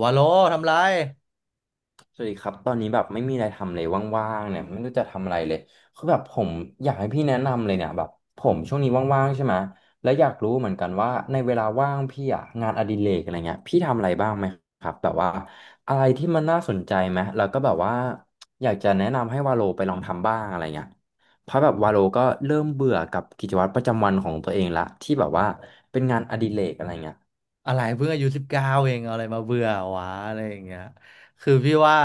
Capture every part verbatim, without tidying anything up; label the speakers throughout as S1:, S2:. S1: วาโลทำไร
S2: สวัสดีครับตอนนี้แบบไม่มีอะไรทำเลยว่างๆเนี่ยไม่รู้จะทำอะไรเลยคือแบบผมอยากให้พี่แนะนำเลยเนี่ยแบบผมช่วงนี้ว่างๆใช่ไหมและอยากรู้เหมือนกันว่าในเวลาว่างพี่อะงานอดิเรกอะไรเงี้ยพี่ทำอะไรบ้างไหมครับแบบว่าอะไรที่มันน่าสนใจไหมแล้วก็แบบว่าอยากจะแนะนำให้วาโลไปลองทำบ้างอะไรเงี้ยเพราะแบบวาโลก็เริ่มเบื่อกับกิจวัตรประจำวันของตัวเองละที่แบบว่าเป็นงานอดิเรกอะไรเงี้ย
S1: อะไรเพิ่งอายุสิบเก้าเองเอาอะไรมาเบื่อวะอะไรอย่างเงี้ยคือพี่ว่า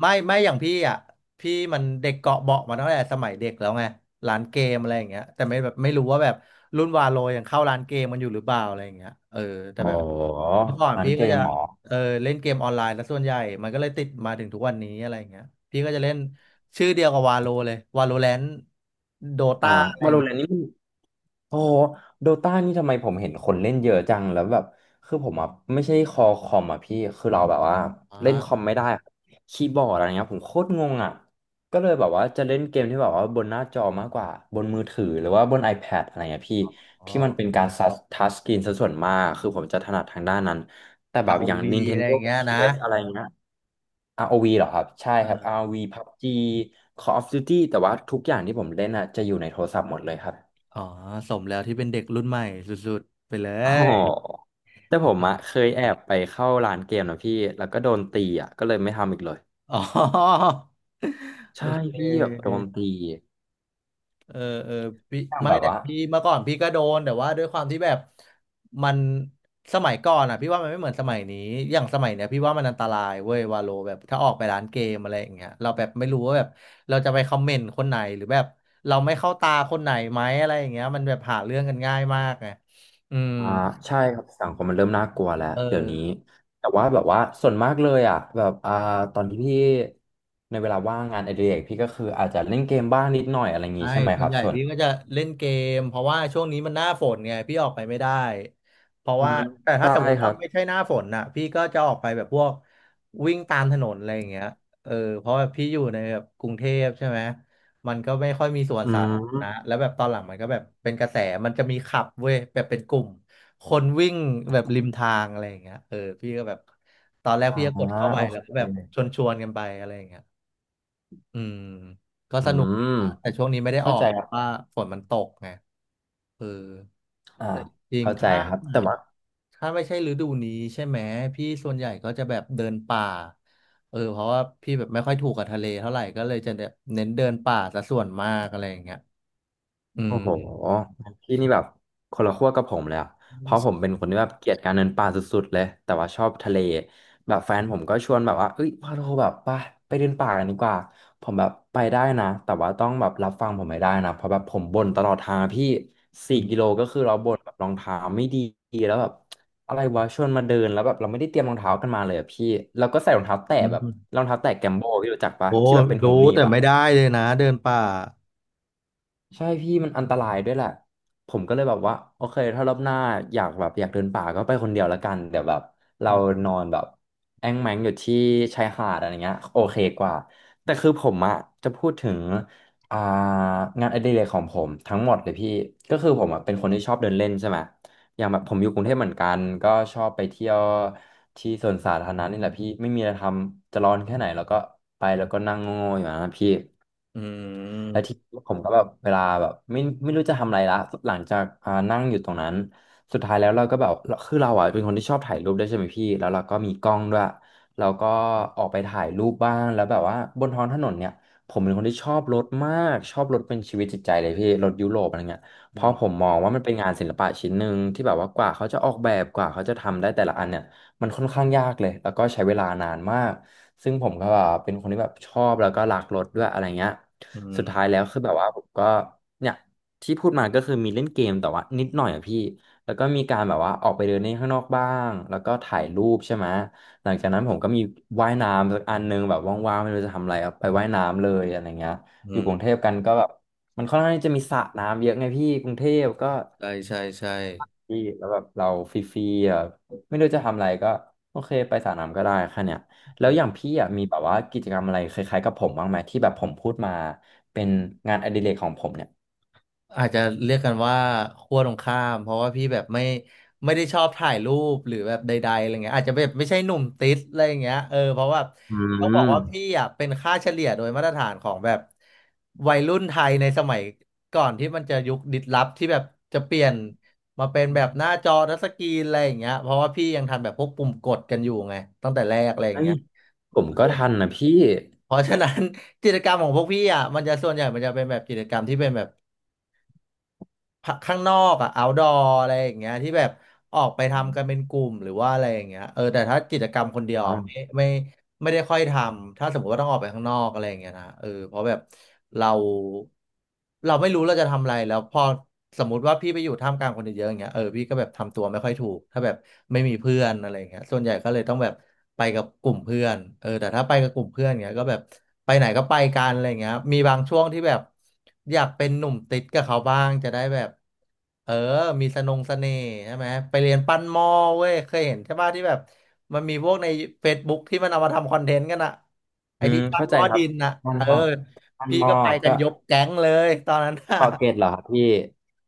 S1: ไม่ไม่อย่างพี่อ่ะพี่มันเด็กเกาะเบาะมาตั้งแต่สมัยเด็กแล้วไงร้านเกมอะไรอย่างเงี้ยแต่ไม่แบบไม่รู้ว่าแบบรุ่นวาโลยังเข้าร้านเกมมันอยู่หรือเปล่าอะไรอย่างเงี้ยเออแต่
S2: อ๋อ
S1: แบบ
S2: ร
S1: เมื่อก่อน
S2: ้าน
S1: พี่
S2: เก
S1: ก็
S2: ม
S1: จะ
S2: เหรอ
S1: เออเล่นเกมออนไลน์ซะส่วนใหญ่มันก็เลยติดมาถึงทุกวันนี้อะไรอย่างเงี้ยพี่ก็จะเล่นชื่อเดียวกับวาโลเลยวาโลแรนต์โด
S2: อ่า
S1: ตาอะไร
S2: วา
S1: อย่า
S2: โล
S1: งเงี้
S2: แร
S1: ย
S2: นนี่ โอ้โดตานี่ทำไมผมเห็นคนเล่นเยอะจังแล้วแบบคือผมอ่ะไม่ใช่คอคอมอ่ะพี่คือเราแบบว่าเล่นคอม
S1: อ
S2: ไม่ได้คบีย์บอร์ดอะไรเงี้ยผมโคตรงงอ่ะก็เลยแบบว่าจะเล่นเกมที่แบบว่าบนหน้าจอมากกว่า บนมือถือหรือว่าบน iPad อะไรเงี้ยพี่
S1: ๋อ
S2: ที่มันเป็นการทัชทัชสกรีนซะส่วนมากคือผมจะถนัดทางด้านนั้น แต่แบ
S1: อา
S2: บอย่าง
S1: วีอะไร
S2: Nintendo
S1: อย่างเงี้ยนะ
S2: พี เอส อสอะไรเงี้ย r ว v เหรอครับ ใช่ครับ
S1: เออ
S2: r v พับจี Call of Duty แต่ว่าทุกอย่างที่ผมเล่นอ่ะจะอยู่ในโทรศัพท์หมดเลยครับ
S1: อ๋อสมแล้วที่เป็นเด็กรุ่นใหม่สุดๆไปเล
S2: อ๋อ
S1: ย
S2: แต่ผมอะเคยแอบไปเข้าร้านเกมนะพี่แล้วก็โดนตีอะก็เลยไม่ทำอีกเลย
S1: อ๋อโอ
S2: ใช่
S1: เค
S2: พี่แบบโดนตี
S1: เออเออพี่
S2: อย่าง
S1: ไม่
S2: แบบ
S1: แต่
S2: ว่า
S1: พี่เมื่อก่อนพี่ก็โดนแต่ว่าด้วยความที่แบบมันสมัยก่อนอ่ะพี่ว่ามันไม่เหมือนสมัยนี้อย่างสมัยเนี้ยพี่ว่ามันอันตรายเว้ยวาโลแบบถ้าออกไปร้านเกมอะไรอย่างเงี้ยเราแบบไม่รู้ว่าแบบเราจะไปคอมเมนต์คนไหนหรือแบบเราไม่เข้าตาคนไหนไหมอะไรอย่างเงี้ยมันแบบหาเรื่องกันง่ายมากไงอืม
S2: อ่าใช่ครับสังคมมันเริ่มน่ากลัวแล้ว
S1: เอ
S2: เดี๋ยว
S1: อ
S2: นี้แต่ว่าแบบว่าส่วนมากเลยอะแบบอ่าตอนที่พี่ในเวลาว่างงานอดิเรกพี่ก็คืออาจจะเล่นเกมบ้างนิดหน่อยอะไรอย่างงี้
S1: ใช่
S2: ใช่ไหม
S1: ส่
S2: ค
S1: วน
S2: รับ
S1: ใหญ่
S2: ส่วน
S1: พี่ก็จะเล่นเกมเพราะว่าช่วงนี้มันหน้าฝนไงพี่ออกไปไม่ได้เพราะว่าแต่ถ้า
S2: ใช่
S1: สมมติ
S2: ค
S1: ว่า
S2: รับ
S1: ไม่ใช่หน้าฝนน่ะพี่ก็จะออกไปแบบพวกวิ่งตามถนนอะไรอย่างเงี้ยเออเพราะว่าพี่อยู่ในแบบกรุงเทพใช่ไหมมันก็ไม่ค่อยมีสวน
S2: อื
S1: สาธารณะ
S2: ม
S1: แล้วแบบตอนหลังมันก็แบบเป็นกระแสมันจะมีขับเว้ยแบบเป็นกลุ่มคนวิ่งแบบริมทางอะไรอย่างเงี้ยเออพี่ก็แบบตอนแรกพี่ก็กด
S2: อ่า
S1: เข้าไป
S2: โอ
S1: แล้ว
S2: เค
S1: ก็แบบชวนชวนกันไปอะไรอย่างเงี้ย อืมก็
S2: อื
S1: สนุกดี
S2: ม
S1: นะแต่ช่วงนี้ไม่ได้อ
S2: เข้า
S1: อก
S2: ใจ
S1: เพ
S2: ครั
S1: ราะ
S2: บ
S1: ว่าฝนมันตกไงเออ
S2: อ่า
S1: แต่จริง
S2: เข้า
S1: ๆ
S2: ใจ
S1: ถ้า
S2: ครับแต่ว่า
S1: ถ้าไม่ใช่ฤดูนี้ใช่ไหมพี่ส่วนใหญ่ก็จะแบบเดินป่าเออเพราะว่าพี่แบบไม่ค่อยถูกกับทะเลเท่าไหร่ก็เลยจะแบบเน้นเดินป่าซะส่วนมากอะไรอย่างเงี้ยอืม
S2: โอ้โหพี่นี่แบบคนละขั้วกับผมเลยอะเพราะ
S1: อ
S2: ผมเป็นคนที่แบบเกลียดการเดินป่าสุดๆเลยแต่ว่าชอบทะเลแบบแฟนผมก็ชวนแบบว่าเอ้ยว่าเราแบบไปไปเดินป่ากันดีกว่าผมแบบไปได้นะแต่ว่าต้องแบบรับฟังผมไม่ได้นะเพราะแบบผมบ่นตลอดทางอะพี่สี่
S1: ื
S2: กิ
S1: ม
S2: โลก็คือเราบ่นแบบรองเท้าไม่ดีแล้วแบบอะไรวะชวนมาเดินแล้วแบบเราไม่ได้เตรียมรองเท้ากันมาเลยอะพี่แล้วก็ใส่รองเท้าแตะ
S1: อืม
S2: แบบรองเท้าแตะแกมโบพี่รู้จักปะ
S1: โอ้
S2: ที่แบบเป็นหู
S1: รู้
S2: หนี
S1: แต่
S2: บอะ
S1: ไม่ได้เลยนะเดินป่า
S2: ใช่พี่มันอันตรายด้วยแหละผมก็เลยแบบว่าโอเคถ้ารอบหน้าอยากแบบอยากเดินป่าก็ไปคนเดียวละกันเดี๋ยวแบบ
S1: อื
S2: เรา
S1: ม
S2: นอนแบบแอ้งแม้งอยู่ที่ชายหาดอะไรเงี้ยโอเคกว่าแต่คือผมอะจะพูดถึงอ่างานอดิเรกของผมทั้งหมดเลยพี่ก็คือผมอะเป็นคนที่ชอบเดินเล่นใช่ไหม อย่างแบบผมอยู่กรุงเทพเหมือนกันก็ชอบไปเที่ยวที่สวนสาธารณะนี่แหละพี่ไม่มีอะไรทำจะร้อนแค่ไหนแล้วก็ไปแล้วก็นั่งโง่ๆอยู่นะพี่
S1: อื
S2: และที่
S1: ม
S2: ผมก็แบบเวลาแบบไม่ไม่รู้จะทำอะไรละหลังจากอ่านั่งอยู่ตรงนั้นสุดท้ายแล้วเราก็แบบคือเราอ่ะเป็นคนที่ชอบถ่ายรูปด้วยใช่ไหมพี่แล้วเราก็มีกล้องด้วยเราก็ออกไปถ่ายรูปบ้างแล้วแบบว่าบนท้องถนนเนี่ยผมเป็นคนที่ชอบรถมากชอบรถเป็นชีวิตจิตใจเลยพี่รถยุโรปอะไรเงี้ย เพ
S1: อื
S2: ราะ
S1: ม
S2: ผมมองว่ามันเป็นงานศิลปะชิ้นหนึ่งที่แบบว่ากว่าเขาจะออกแบบกว่าเขาจะทำได้แต่ละอันเนี่ยมันค่อนข้างยากเลยแล้วก็ใช้เวลานานมากซึ่งผมก็แบบเป็นคนที่แบบชอบแล้วก็รักรถด้วยอะไรเงี้ย
S1: อื
S2: สุดท้าย
S1: ม
S2: แล้วคือแบบว่าผมก็เนี่ยที่พูดมาก็คือมีเล่นเกมแต่ว่านิดหน่อยอะพี่แล้วก็มีการแบบว่าออกไปเดินเล่นข้างนอกบ้างแล้วก็ถ่ายรูปใช่ไหมหลังจากนั้นผมก็มีว่ายน้ำสักอันหนึงแบบว่างๆไม่รู้จะทำอะไรอะไปว่ายน้ำเลยอะไรเงี้ย
S1: อื
S2: อยู่กรุงเท
S1: ม
S2: พกันก็แบบ มันค่อนข้างที่จะมีสระน้ำเยอะไงพี่กรุงเทพก็
S1: ใช่ใช่ใช่
S2: ดีแล้วแบบเราฟรีๆอ่ะไม่รู้จะทำอะไรก็โอเคไปสระน้ำก็ได้แค่เนี้ยแล้
S1: เอ
S2: วอย่าง
S1: อ
S2: พี่อ่ะมีแบบว่ากิจกรรมอะไรคล้ายๆกับผมบ้างไหมที่แบบผมพูดมาเป็นงานอดิเรกของผมเนี่ย
S1: อาจจะเรียกกันว่าขั้วตรงข้ามเพราะว่าพี่แบบไม่ไม่ได้ชอบถ่ายรูปหรือแบบใดๆอะไรเงี้ยอาจจะแบบไม่ใช่หนุ่มติดอะไร่เงี้ยเออเพราะว่า
S2: อื
S1: ต้องบอกว่าพี่
S2: ม
S1: อ่ะเป็นค่าเฉลี่ยโดยมาตรฐานของแบบวัยรุ่นไทยในสมัยก่อนที่มันจะยุคดิสลอฟที่แบบจะเปลี่ยนมาเป็นแบบหน้าจอทัชสกรีนอะไรอย่างเงี้ยเพราะว่าพี่ยังทันแบบพวกปุ่มกดกันอยู่ไงตั้งแต่แรกอะไรอย่า
S2: เฮ้
S1: ง
S2: ย
S1: เงี้ย
S2: ผมก็ทันนะพี่
S1: เพราะฉะนั้น กิจกรรมของพวกพี่อ่ะมันจะส่วนใหญ่มันจะเป็นแบบกิจกรรมที่เป็นแบบ ข้างนอกอะ outdoor อะไรอย่างเงี้ยที่แบบออกไปทำกันเป็นกลุ่มหรือว่าอะไรอย่างเงี้ยเออแต่ถ้ากิจกรรมคนเดียว
S2: อ๋
S1: อะไม่
S2: อ
S1: ไม่ ไม่ได้ค่อยทำ ถ้าสมมติว่าต้องออกไปข้างนอกอะไรอย่างเงี้ยนะเออเพราะแบบเราเราไม่รู้เราจะทำอะไรแล้วพอสมมติว่าพี่ไปอยู่ท่ามกลางคนเยอะๆอย่างเงี้ยเออพี่ก็แบบทำตัวไม่ค่อยถูกถ้าแบบไม่มีเพื่อนอะไรอย่างเงี้ยส่วนใหญ่ก็เลยต้องแบบไปกับกลุ่มเพื่อนเออแต่ถ้าไปกับกลุ่มเพื่อนเงี้ยก็แบบไปไหนก็ไปกันอะไรอย่างเงี้ยมีบางช่วงที่แบบอยากเป็นหนุ่มติดกับเขาบ้างจะได้แบบ เออ มีสนงเสน่ห์ใช่ไหมไปเรียนปั้นหม้อเว้ย เคยเห็นใช่ป่ะที่แบบมันมีพวกใน Facebook ที่มันเอามาทำคอนเทนต์กันอะไอ
S2: อืม
S1: ที่ปั้น
S2: เข้า
S1: ห
S2: ใจ
S1: ม้อ
S2: ครั
S1: ดิ
S2: บ
S1: นอะ
S2: มัน
S1: เออ
S2: มอมัน
S1: พี่
S2: มอ
S1: ก็ไปกั
S2: ก็
S1: นยกแก๊งเลยตอนนั้นอะ
S2: เกาะเกร็ดเหรอครับพี่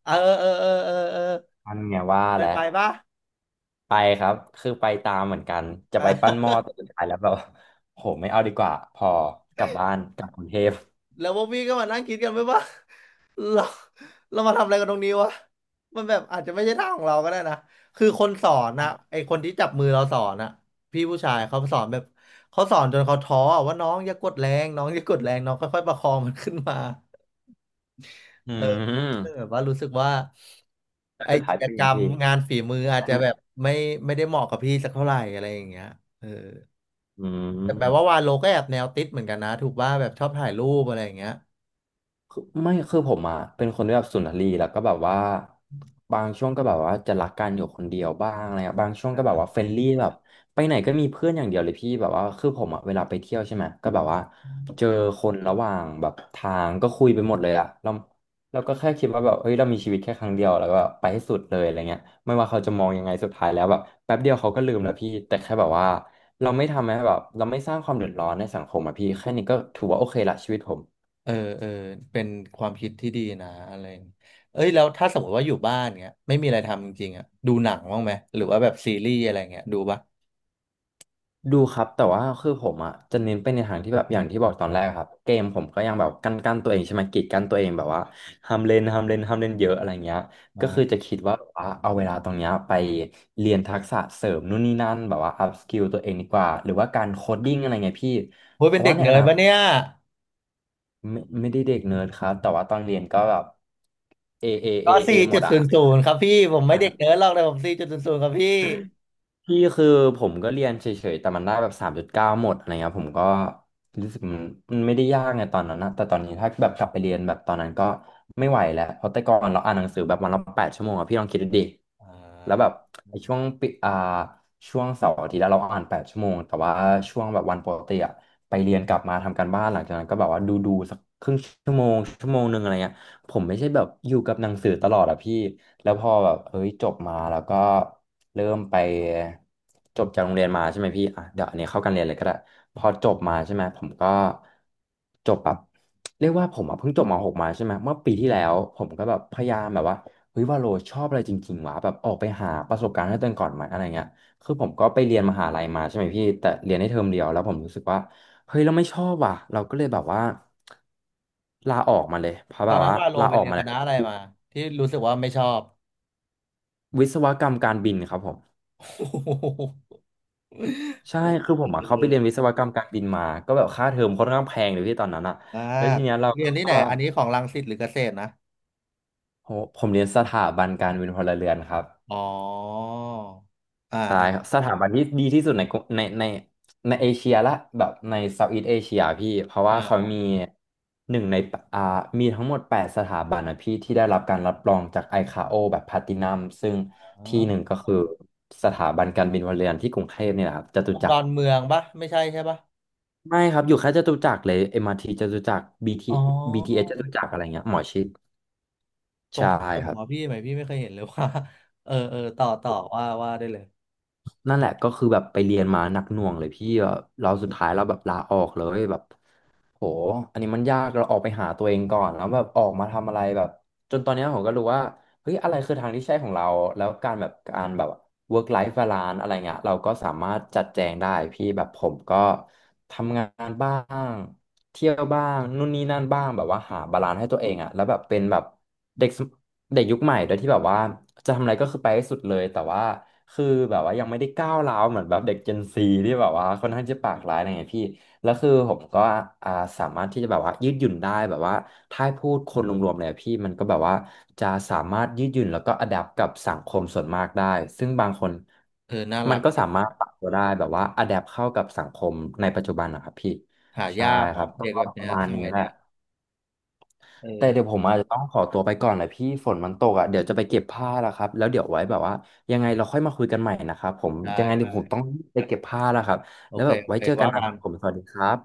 S1: เออเออเออเออเออ
S2: มันไงว่า
S1: เคย
S2: แล้
S1: ไป
S2: ว
S1: ป่ะ
S2: ไปครับ คือไปตามเหมือนกัน จะ
S1: เอ
S2: ไปปั้นหม้อ
S1: อ
S2: แต่สุดท้ายแล้วแบบ โหไม่เอาดีกว่าพอกลับบ้านกลับกรุงเทพ
S1: แล้วพวกพี่ก็มานั่งคิดกันไหมว่า เราเรามาทำอะไรกันตรงนี้วะมันแบบอาจจะไม่ใช่ทางของเราก็ได้นะคือคนสอนนะไอคนที่จับมือเราสอนนะพี่ผู้ชายเขาสอนแบบเขาสอนจนเขาท้ออะว่าน้องอย่ากดแรงน้องอย่ากดแรงน้องค่อยๆประคองมันขึ้นมา
S2: อื
S1: เออซึ่งแบ
S2: ม
S1: บว่ารู้สึกว่า
S2: แล้ว
S1: ไอ
S2: สุดท้า
S1: กิ
S2: ย
S1: จ
S2: เป็น
S1: ก
S2: ไง
S1: รรม
S2: พี่
S1: งานฝีมืออาจ
S2: อัน
S1: จะแบบไม่ไม่ได้เหมาะกับพี่สักเท่าไหร่อะไรอย่างเงี้ยเออ
S2: อื
S1: แต่แปลว่า
S2: ม
S1: วาโลก็แอบแนวติดเหมือนกันนะถูกว่าแบบชอบถ่ายรูปอะไรอย่างเงี้ย
S2: คือไม่คือผมอ่ะเป็นคนที่แบบสุนทรีย์แล้วก็แบบว่าบางช่วงก็แบบว่าจะรักกันอยู่คนเดียวบ้างอะไรอะบางช่วงก็แบบว่าเฟรนลี่แบบไปไหนก็มีเพื่อนอย่างเดียวเลยพี่แบบว่าคือผมอ่ะเวลาไปเที่ยวใช่ไหมก็แบบว่าเจอคนระหว่างแบบทางก็คุยไปหมดเลยอะเราเราก็แค่คิดว่าแบบเฮ้ยเรามีชีวิตแค่ครั้งเดียวแล้วก็แบบไปให้สุดเลยอะไรเงี้ยไม่ว่าเขาจะมองยังไงสุดท้ายแล้วแบบแป๊บเดียวเขาก็ลืมแล้วพี่แต่แค่แบบว่าเราไม่ทำให้แบบเราไม่สร้างความเดือดร้อนในสังคมอะพี่แค่นี้ก็ถือว่าโอเคละชีวิตผม
S1: เออเออเป็นความคิดที่ดีนะอะไรอย่างเอ้ยแล้วถ้าสมมติว่าอยู่บ้านเงี้ยไม่มีอะไรทำจริงๆอ่ะดูหนังบ้างไหมหรือว่าแบบซีรีส์อะไรเงี้ยดูปะ
S2: ดูครับแต่ว่าคือผมอ่ะจะเน้นไปในทางที่แบบอย่างที่บอกตอนแรกครับเกมผมก็ยังแบบกันกันตัวเองใช่ไหมกีดกันตัวเองแบบว่าห้ามเล่นห้ามเล่นห้ามเล่นเยอะอะไรเงี้ยก็คือ
S1: อ่า
S2: จะคิดว่าแบบว่าเอาเวลาตรงเนี้ยไปเรียนทักษะเสริมนู่นนี่นั่นแบบว่าอัพสกิลตัวเองดีกว่าหรือว่าการโคดดิ้งอะไรเงี้ยพี่
S1: โอ้ย
S2: เพ
S1: เป็น
S2: ราะ
S1: เด็
S2: ว่า
S1: ก
S2: ใน
S1: เนิ
S2: อ
S1: ร์ด
S2: นาค
S1: ปะ
S2: ต
S1: เนี่ย
S2: ไม่ไม่ได้เด็กเนิร์ดครับแต่ว่าตอนเรียนก็แบบเอเอเอ
S1: ก็
S2: เอ
S1: สี่
S2: หม
S1: จุ
S2: ด
S1: ด
S2: อ่
S1: ศูนย์ศูนย์ครับพี่ผมไม่เด็ก
S2: ะ
S1: เนิร์ดหรอกแต่ผมสี่จุดศูนย์ศูนย์ครับพี่
S2: พี่คือผมก็เรียนเฉยๆแต่มันได้แบบสามจุดเก้าหมดอะไรเงี้ยผมก็รู้สึกมันมันไม่ได้ยากไงตอนนั้นนะแต่ตอนนี้ถ้าแบบกลับไปเรียนแบบตอนนั้นก็ไม่ไหวแล้วเพราะแต่ก่อนเราอ่านหนังสือแบบวันละแปดชั่วโมงอะพี่ลองคิดดูดิแล้วแบบไอ้ช่วงปิอ่าช่วงเสาร์อาทิตย์แล้วเราอ่านแปดชั่วโมงแต่ว่าช่วงแบบวันปกติอะไปเรียนกลับมาทำการบ้านหลังจากนั้นก็แบบว่าดูดูสักครึ่งชั่วโมงชั่วโมงหนึ่งอะไรเงี้ย ผมไม่ใช่แบบอยู่กับหนังสือตลอดอะพี่แล้วพอแบบเอ้ยจบมาแล้วก็เริ่มไปจบจากโรงเรียนมาใช่ไหมพี่อ่ะเดี๋ยวอันนี้เข้าการเรียนเลยก็ได้พอจบมาใช่ไหมผมก็จบแบบเรียกว่าผมอะเพิ่งจบม .หก มาใช่ไหมเมื่อปีที่แล้วผมก็แบบพยายามแบบว่าเฮ้ยว่าโลชอบอะไรจริงๆวะแบบออกไปหาประสบการณ์ให้ตัวเองก่อนไหมอะไรเงี้ยคือผมก็ไปเรียนมหาลัยมาใช่ไหมพี่แต่เรียนได้เทอมเดียวแล้วผมรู้สึกว่า เฮ้ยเราไม่ชอบว่ะเราก็เลยแบบว่าลาออกมาเลยเพราะ
S1: ตอ
S2: แบ
S1: น
S2: บ
S1: นั้น
S2: ว่า
S1: ว่าโล
S2: ลา
S1: ไป
S2: ออก
S1: เรียน
S2: มา
S1: ค
S2: แล้ว
S1: ณะอะไรมาที่รู้สึกว่าไม่ชอบ
S2: วิศวกรรมการบินครับผม
S1: โอ้โห
S2: ใช่คือผมอ่ะเขาไปเรียนวิศวกรรมการบินมาก็แบบค่าเทอมค่อนข้างแพงเลยพี่ตอนนั้นอ่ะ
S1: มา
S2: แล้วที
S1: ก
S2: เนี้ยเรา
S1: เรียนที่ไห
S2: ก็
S1: นอันนี้ของรังสิตหรือเกษตรนะ
S2: โหผมเรียนสถาบันการบินพลเรือนครับ
S1: อ๋ออ่า
S2: ตา
S1: อ่า
S2: ยครับสถาบันที่ดีที่สุดในกรุในในในเอเชียละแบบในเซาท์อีสต์เอเชียพี่เพราะ
S1: อ่
S2: ว่าเขามี
S1: า
S2: หนึ่งในอ่ามีทั้งหมดแปดสถาบันนะพี่ที่ได้รับการรับรองจากไอคาโอแบบแพลตินัมซึ่ง
S1: อ๋อ
S2: ที่หนึ่งก็คือสถาบันการบินพลเรือนที่กรุงเทพนี่แหละครับจตุ
S1: ตรง
S2: จั
S1: ด
S2: ก
S1: อ
S2: ร
S1: นเมืองปะไม่ใช่ใช่ปะ
S2: ไม่ครับอยู่แค่จตุจักรเลย เอ็ม อาร์ ที จตุจักร BT
S1: อ๋อ
S2: บี ที เอส จตุจักรอะไรเงี้ยหมอชิด
S1: ตร
S2: ใช่
S1: งข้ามกับ
S2: ค
S1: หม
S2: รั
S1: อพี่
S2: บ
S1: ไหมพี่ไม่เคยเห็นเลยว่า เออเออต่อต่อว่าว่าได้เลย
S2: นั่นแหละก็คือแบบไปเรียนมาหนักหน่วงเลยพี่แบบเราสุดท้ายเราแบบลาออกเลยแบบโหอันนี้มันยากเราออกไปหาตัวเองก่อนแล้วแบบออกมาทำอะไรแบบจนตอนเนี้ยผมก็รู้ว่าเฮ้ยอะไรคือทางที่ใช่ของเราแล้วการแบบการแบบ work life balance อะไรเงี้ยเราก็สามารถจัดแจงได้พี่แบบผมก็ทำงานบ้างเที่ยวบ้างนู่นนี่นั่นบ้างแบบว่าหาบาลานซ์ให้ตัวเองอะแล้วแบบเป็นแบบเด็ก เด็กยุคใหม่โดยที่แบบว่าจะทำอะไรก็คือไปให้สุดเลยแต่ว่าคือแบบว่ายังไม่ได้ก้าวร้าวเหมือนแบบเด็ก Gen Z ที่แบบว่าค่อนข้างจะปากร้ายอะไรเงี้ยพี่แล้วคือผมก็อ่าสามารถที่จะแบบว่ายืดหยุ่นได้แบบว่าถ้าให้พูดคนรวมๆเลยอะพี่มันก็แบบว่าจะสามารถยืดหยุ่นแล้วก็อัดแอกับสังคมส่วนมากได้ซึ่งบางคน
S1: เออน่า
S2: มั
S1: รั
S2: น
S1: ก
S2: ก็
S1: ดี
S2: สามารถ
S1: นะ
S2: ปรับตัวได้แบบว่าอัดแอปเข้ากับสังคมในปัจจุบันนะครับพี่
S1: หา
S2: ใช่
S1: ยาก
S2: ครั
S1: ว่ะ
S2: บก็
S1: เด็กแบบ
S2: ประ
S1: เนี้ย
S2: มาณ
S1: ส
S2: นี้
S1: มัย
S2: แหละ
S1: เนี้ยเอ
S2: แต่
S1: อ
S2: เดี๋ยวผมอาจจะต้องขอตัวไปก่อนนะพี่ฝนมันตกอ่ะเดี๋ยวจะไปเก็บผ้าแล้วครับแล้วเดี๋ยวไว้แบบว่ายังไงเราค่อยมาคุยกันใหม่นะครับผม
S1: ได้
S2: ยังไงเดี๋ยว
S1: ได้
S2: ผมต้องไปเก็บผ้าแล้วครับ
S1: โอ
S2: แล้ว
S1: เค
S2: แบบ
S1: โอ
S2: ไว้
S1: เค
S2: เจอกัน
S1: ว่า
S2: นะค
S1: กั
S2: รับผม
S1: น
S2: สวัสดีครับ